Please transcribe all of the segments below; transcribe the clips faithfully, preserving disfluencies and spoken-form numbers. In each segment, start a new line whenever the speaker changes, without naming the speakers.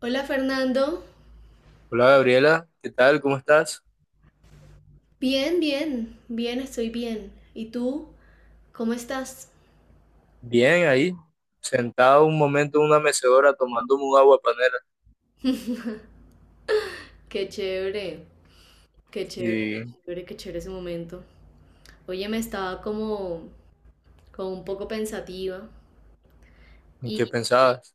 Hola Fernando,
Hola Gabriela, ¿qué tal? ¿Cómo estás?
bien, bien, bien, estoy bien. ¿Y tú? ¿Cómo estás?
Bien, ahí, sentado un momento en una mecedora tomándome un agua panela.
Qué chévere, qué chévere, qué
¿Y
chévere, qué chévere ese momento. Oye, me estaba como, como un poco pensativa
en qué
y
pensabas?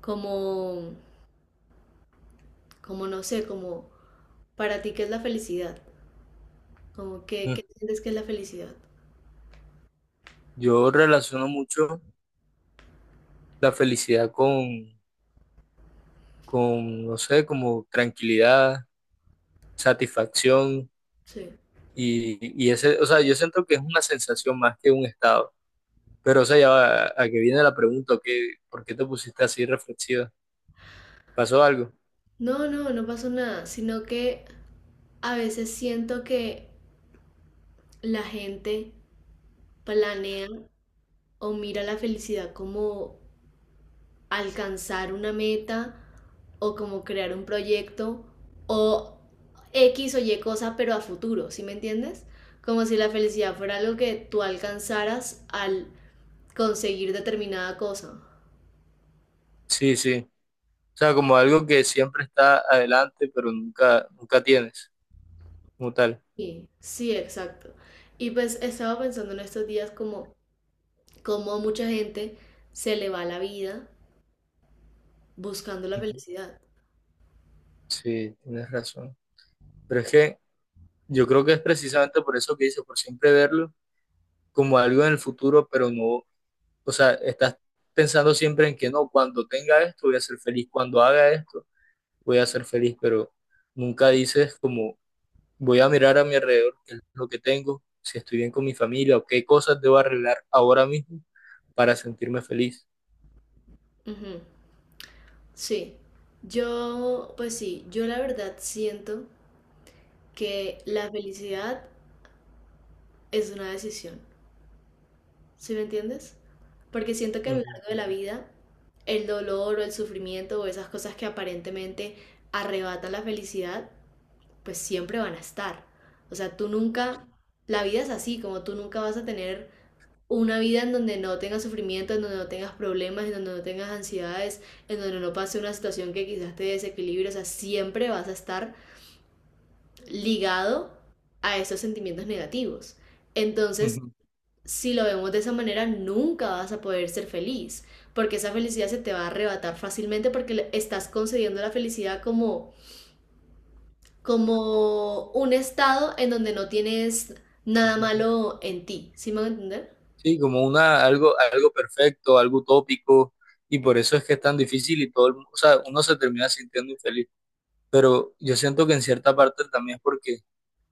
como, como no sé, como para ti qué es la felicidad, como que,
Mm,
¿qué sientes que es la felicidad?
Yo relaciono mucho la felicidad con, con, no sé, como tranquilidad, satisfacción
Sí.
y, y ese, o sea, yo siento que es una sensación más que un estado. Pero, o sea, ya va, a que viene la pregunta, ¿qué, por qué te pusiste así reflexiva? ¿Pasó algo?
No, no, no pasó nada, sino que a veces siento que la gente planea o mira la felicidad como alcanzar una meta o como crear un proyecto o X o Y cosa, pero a futuro, ¿sí me entiendes? Como si la felicidad fuera algo que tú alcanzaras al conseguir determinada cosa.
Sí, sí. O sea, como algo que siempre está adelante, pero nunca, nunca tienes como tal.
Sí, sí, exacto. Y pues estaba pensando en estos días como cómo a mucha gente se le va la vida buscando la
Ujú.
felicidad.
Sí, tienes razón. Pero es que yo creo que es precisamente por eso que dice, por siempre verlo como algo en el futuro, pero no, o sea, estás pensando siempre en que no, cuando tenga esto voy a ser feliz, cuando haga esto voy a ser feliz, pero nunca dices como voy a mirar a mi alrededor, qué es lo que tengo, si estoy bien con mi familia o qué cosas debo arreglar ahora mismo para sentirme feliz.
Ujú, sí. Yo, pues sí, yo la verdad siento que la felicidad es una decisión. ¿Sí me entiendes? Porque siento que a lo
Ujú.
largo de la vida, el dolor o el sufrimiento o esas cosas que aparentemente arrebatan la felicidad, pues siempre van a estar. O sea, tú nunca, la vida es así, como tú nunca vas a tener una vida en donde no tengas sufrimiento, en donde no tengas problemas, en donde no tengas ansiedades, en donde no pase una situación que quizás te desequilibre. O sea, siempre vas a estar ligado a esos sentimientos negativos. Entonces, si lo vemos de esa manera, nunca vas a poder ser feliz, porque esa felicidad se te va a arrebatar fácilmente porque estás concediendo la felicidad como, como un estado en donde no tienes nada
Ujú.
malo en ti. ¿Sí me van a entender?
Sí, como una, algo, algo perfecto, algo utópico, y por eso es que es tan difícil y todo el, mu- o sea, uno se termina sintiendo infeliz. Pero yo siento que en cierta parte también es porque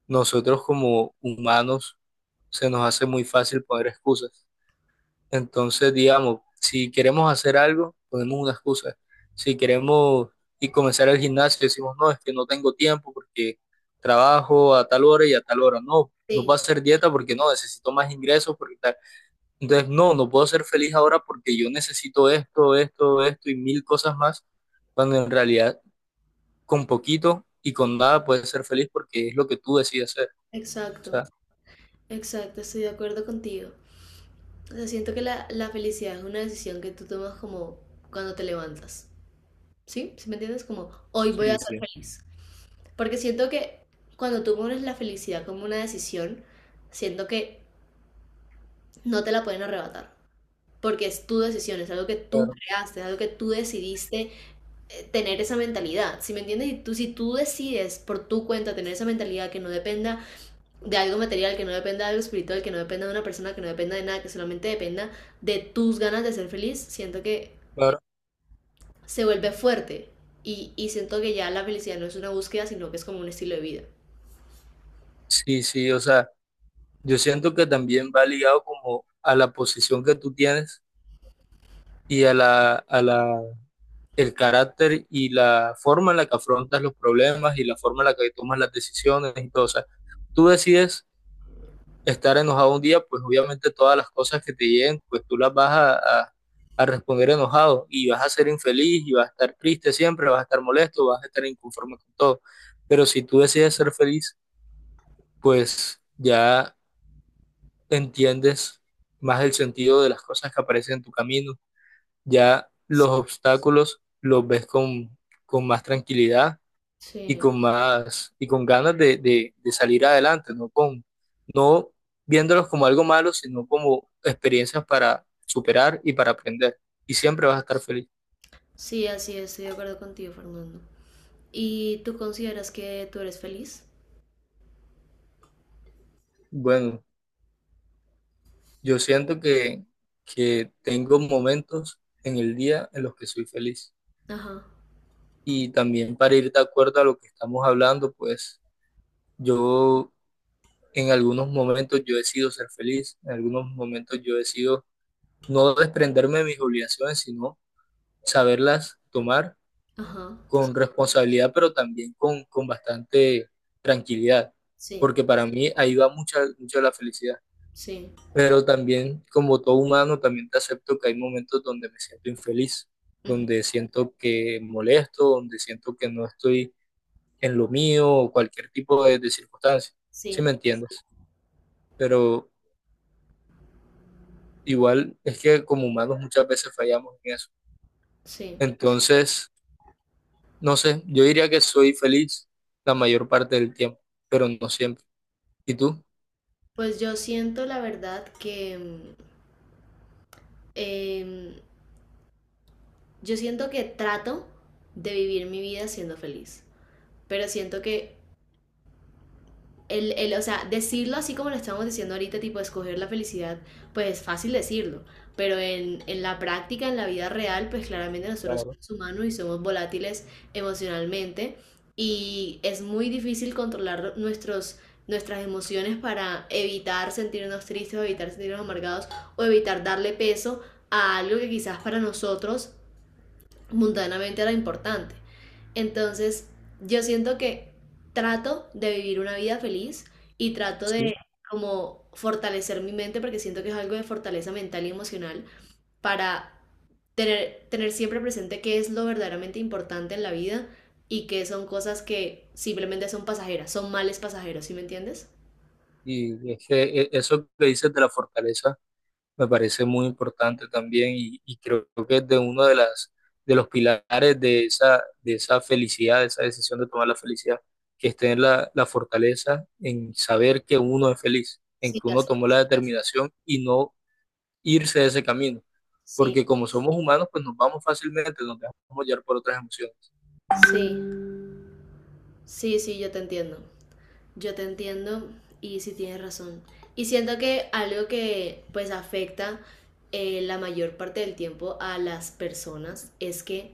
nosotros como humanos se nos hace muy fácil poner excusas. Entonces, digamos, si queremos hacer algo, ponemos una excusa. Si queremos y comenzar el gimnasio, decimos, no, es que no tengo tiempo porque trabajo a tal hora y a tal hora. No, no
Sí,
puedo hacer dieta porque no, necesito más ingresos porque tal. Entonces, no, no puedo ser feliz ahora porque yo necesito esto, esto, esto y mil cosas más, cuando en realidad con poquito y con nada puedes ser feliz porque es lo que tú decides ser. O
exacto,
sea,
exacto, estoy de acuerdo contigo. O sea, siento que la, la felicidad es una decisión que tú tomas como cuando te levantas. ¿Sí? ¿Sí me entiendes? Como hoy voy a
sí,
ser
sí.
feliz. Porque siento que cuando tú pones la felicidad como una decisión, siento que no te la pueden arrebatar, porque es tu decisión, es algo que tú
Claro,
creaste, es algo que tú decidiste eh, tener esa mentalidad. Si me entiendes, y tú, si tú decides por tu cuenta tener esa mentalidad que no dependa de algo material, que no dependa de algo espiritual, que no dependa de una persona, que no dependa de nada, que solamente dependa de tus ganas de ser feliz, siento que
claro.
se vuelve fuerte y, y siento que ya la felicidad no es una búsqueda, sino que es como un estilo de vida.
Sí, sí, o sea, yo siento que también va ligado como a la posición que tú tienes y a la, a la, el carácter y la forma en la que afrontas los problemas y la forma en la que tomas las decisiones y todo. O sea, tú decides estar enojado un día, pues obviamente todas las cosas que te lleguen, pues tú las vas a, a- a responder enojado y vas a ser infeliz y vas a estar triste siempre, vas a estar molesto, vas a estar inconforme con todo. Pero si tú decides ser feliz, pues ya entiendes más el sentido de las cosas que aparecen en tu camino, ya los obstáculos los ves con, con más tranquilidad y
Sí,
con más, y con ganas de, de- de salir adelante, no con, no viéndolos como algo malo, sino como experiencias para superar y para aprender. Y siempre vas a estar feliz.
sí, así es, estoy de acuerdo contigo, Fernando. ¿Y tú consideras que tú eres feliz?
Bueno, yo siento que, que tengo momentos en el día en los que soy feliz.
Ajá.
Y también para ir de acuerdo a lo que estamos hablando, pues yo en algunos momentos yo decido ser feliz, en algunos momentos yo decido no desprenderme de mis obligaciones, sino saberlas tomar
Ajá,
con responsabilidad, pero también con, con bastante tranquilidad,
sí,
porque para mí ahí va mucha, mucha la felicidad.
sí,
Pero también, como todo humano, también te acepto que hay momentos donde me siento infeliz,
ujú,
donde siento que molesto, donde siento que no estoy en lo mío o cualquier tipo de, de circunstancia, ¿sí me
sí,
entiendes? Pero igual es que como humanos muchas veces fallamos en eso.
sí.
Entonces, no sé, yo diría que soy feliz la mayor parte del tiempo, pero no siempre. ¿Y tú?
Pues yo siento la verdad que mm, em, yo siento que trato de vivir mi vida siendo feliz, pero siento que el, el, o sea, decirlo así como lo estamos diciendo ahorita, tipo escoger la felicidad, pues es fácil decirlo, pero en, en la práctica, en la vida real, pues claramente nosotros
Claro,
somos humanos y somos volátiles emocionalmente y es muy difícil controlar nuestros, nuestras emociones para evitar sentirnos tristes o evitar sentirnos amargados o evitar darle peso a algo que quizás para nosotros mundanamente era importante. Entonces, yo siento que trato de vivir una vida feliz y trato de
sí.
como fortalecer mi mente porque siento que es algo de fortaleza mental y emocional para tener, tener siempre presente qué es lo verdaderamente importante en la vida y qué son cosas que simplemente son pasajeras, son males pasajeros, ¿sí me entiendes?
Y es que eh, eso que dices de la fortaleza me parece muy importante también y, y creo que es de uno de las de los pilares de esa de esa felicidad, de esa decisión de tomar la felicidad, que es tener la, la fortaleza en saber que uno es feliz, en
Sí,
que uno tomó
gracias.
la determinación y no irse de ese camino,
Sí,
porque como somos humanos, pues nos vamos fácilmente, nos dejamos llevar por otras emociones.
sí, sí, sí, yo te entiendo. Yo te entiendo y sí tienes razón. Y siento que algo que pues afecta eh, la mayor parte del tiempo a las personas es que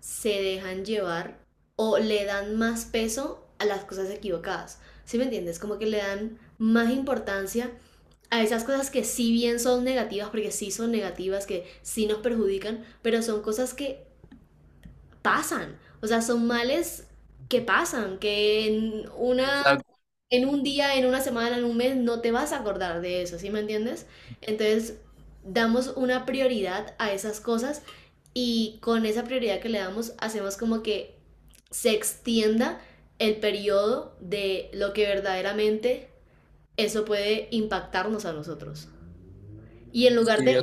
se dejan llevar o le dan más peso a las cosas equivocadas. ¿Sí me entiendes? Como que le dan más importancia a esas cosas que sí bien son negativas, porque sí son negativas, que sí nos perjudican, pero son cosas que pasan. O sea, son males que pasan, que en una
Exacto,
en un día, en una semana, en un mes, no te vas a acordar de eso, ¿sí me entiendes? Entonces, damos una prioridad a esas cosas y con esa prioridad que le damos, hacemos como que se extienda el periodo de lo que verdaderamente eso puede impactarnos a nosotros. Y en lugar de,
sí,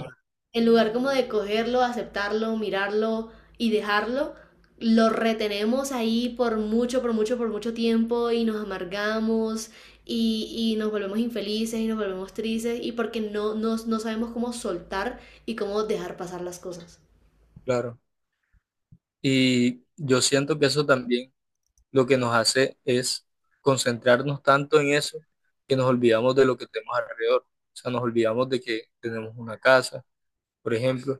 en lugar como de cogerlo, aceptarlo, mirarlo y dejarlo, lo retenemos ahí por mucho, por mucho, por mucho tiempo y nos amargamos y, y nos volvemos infelices y nos volvemos tristes y porque no, no, no sabemos cómo soltar y cómo dejar pasar las cosas.
claro. Y yo siento que eso también lo que nos hace es concentrarnos tanto en eso que nos olvidamos de lo que tenemos alrededor. O sea, nos olvidamos de que tenemos una casa, por ejemplo,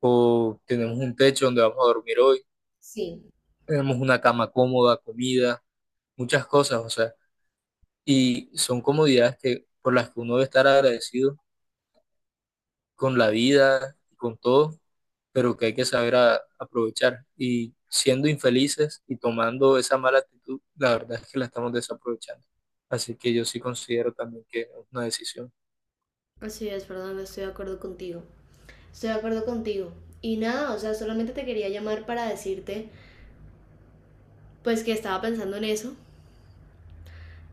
o tenemos un techo donde vamos a dormir hoy,
Sí,
tenemos una cama cómoda, comida, muchas cosas, o sea, y son comodidades que, por las que uno debe estar agradecido con la vida, con todo, pero que hay que saber a- aprovechar. Y siendo infelices y tomando esa mala actitud, la verdad es que la estamos desaprovechando. Así que yo sí considero también que es una decisión.
así es, perdón, estoy de acuerdo contigo. Estoy de acuerdo contigo. Y nada, o sea, solamente te quería llamar para decirte, pues que estaba pensando en eso,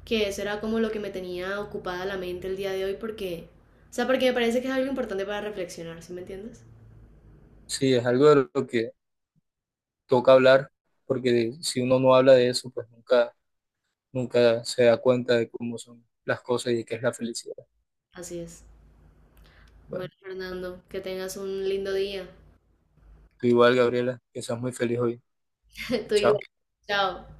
que eso era como lo que me tenía ocupada la mente el día de hoy porque, o sea, porque me parece que es algo importante para reflexionar, ¿sí me entiendes?
Sí, es algo de lo que toca hablar, porque si uno no habla de eso, pues nunca, nunca se da cuenta de cómo son las cosas y de qué es la felicidad.
Así es. Bueno,
Bueno,
Fernando, que tengas un lindo día.
tú igual, Gabriela, que seas muy feliz hoy.
Tú
Chao.
igual. Chao.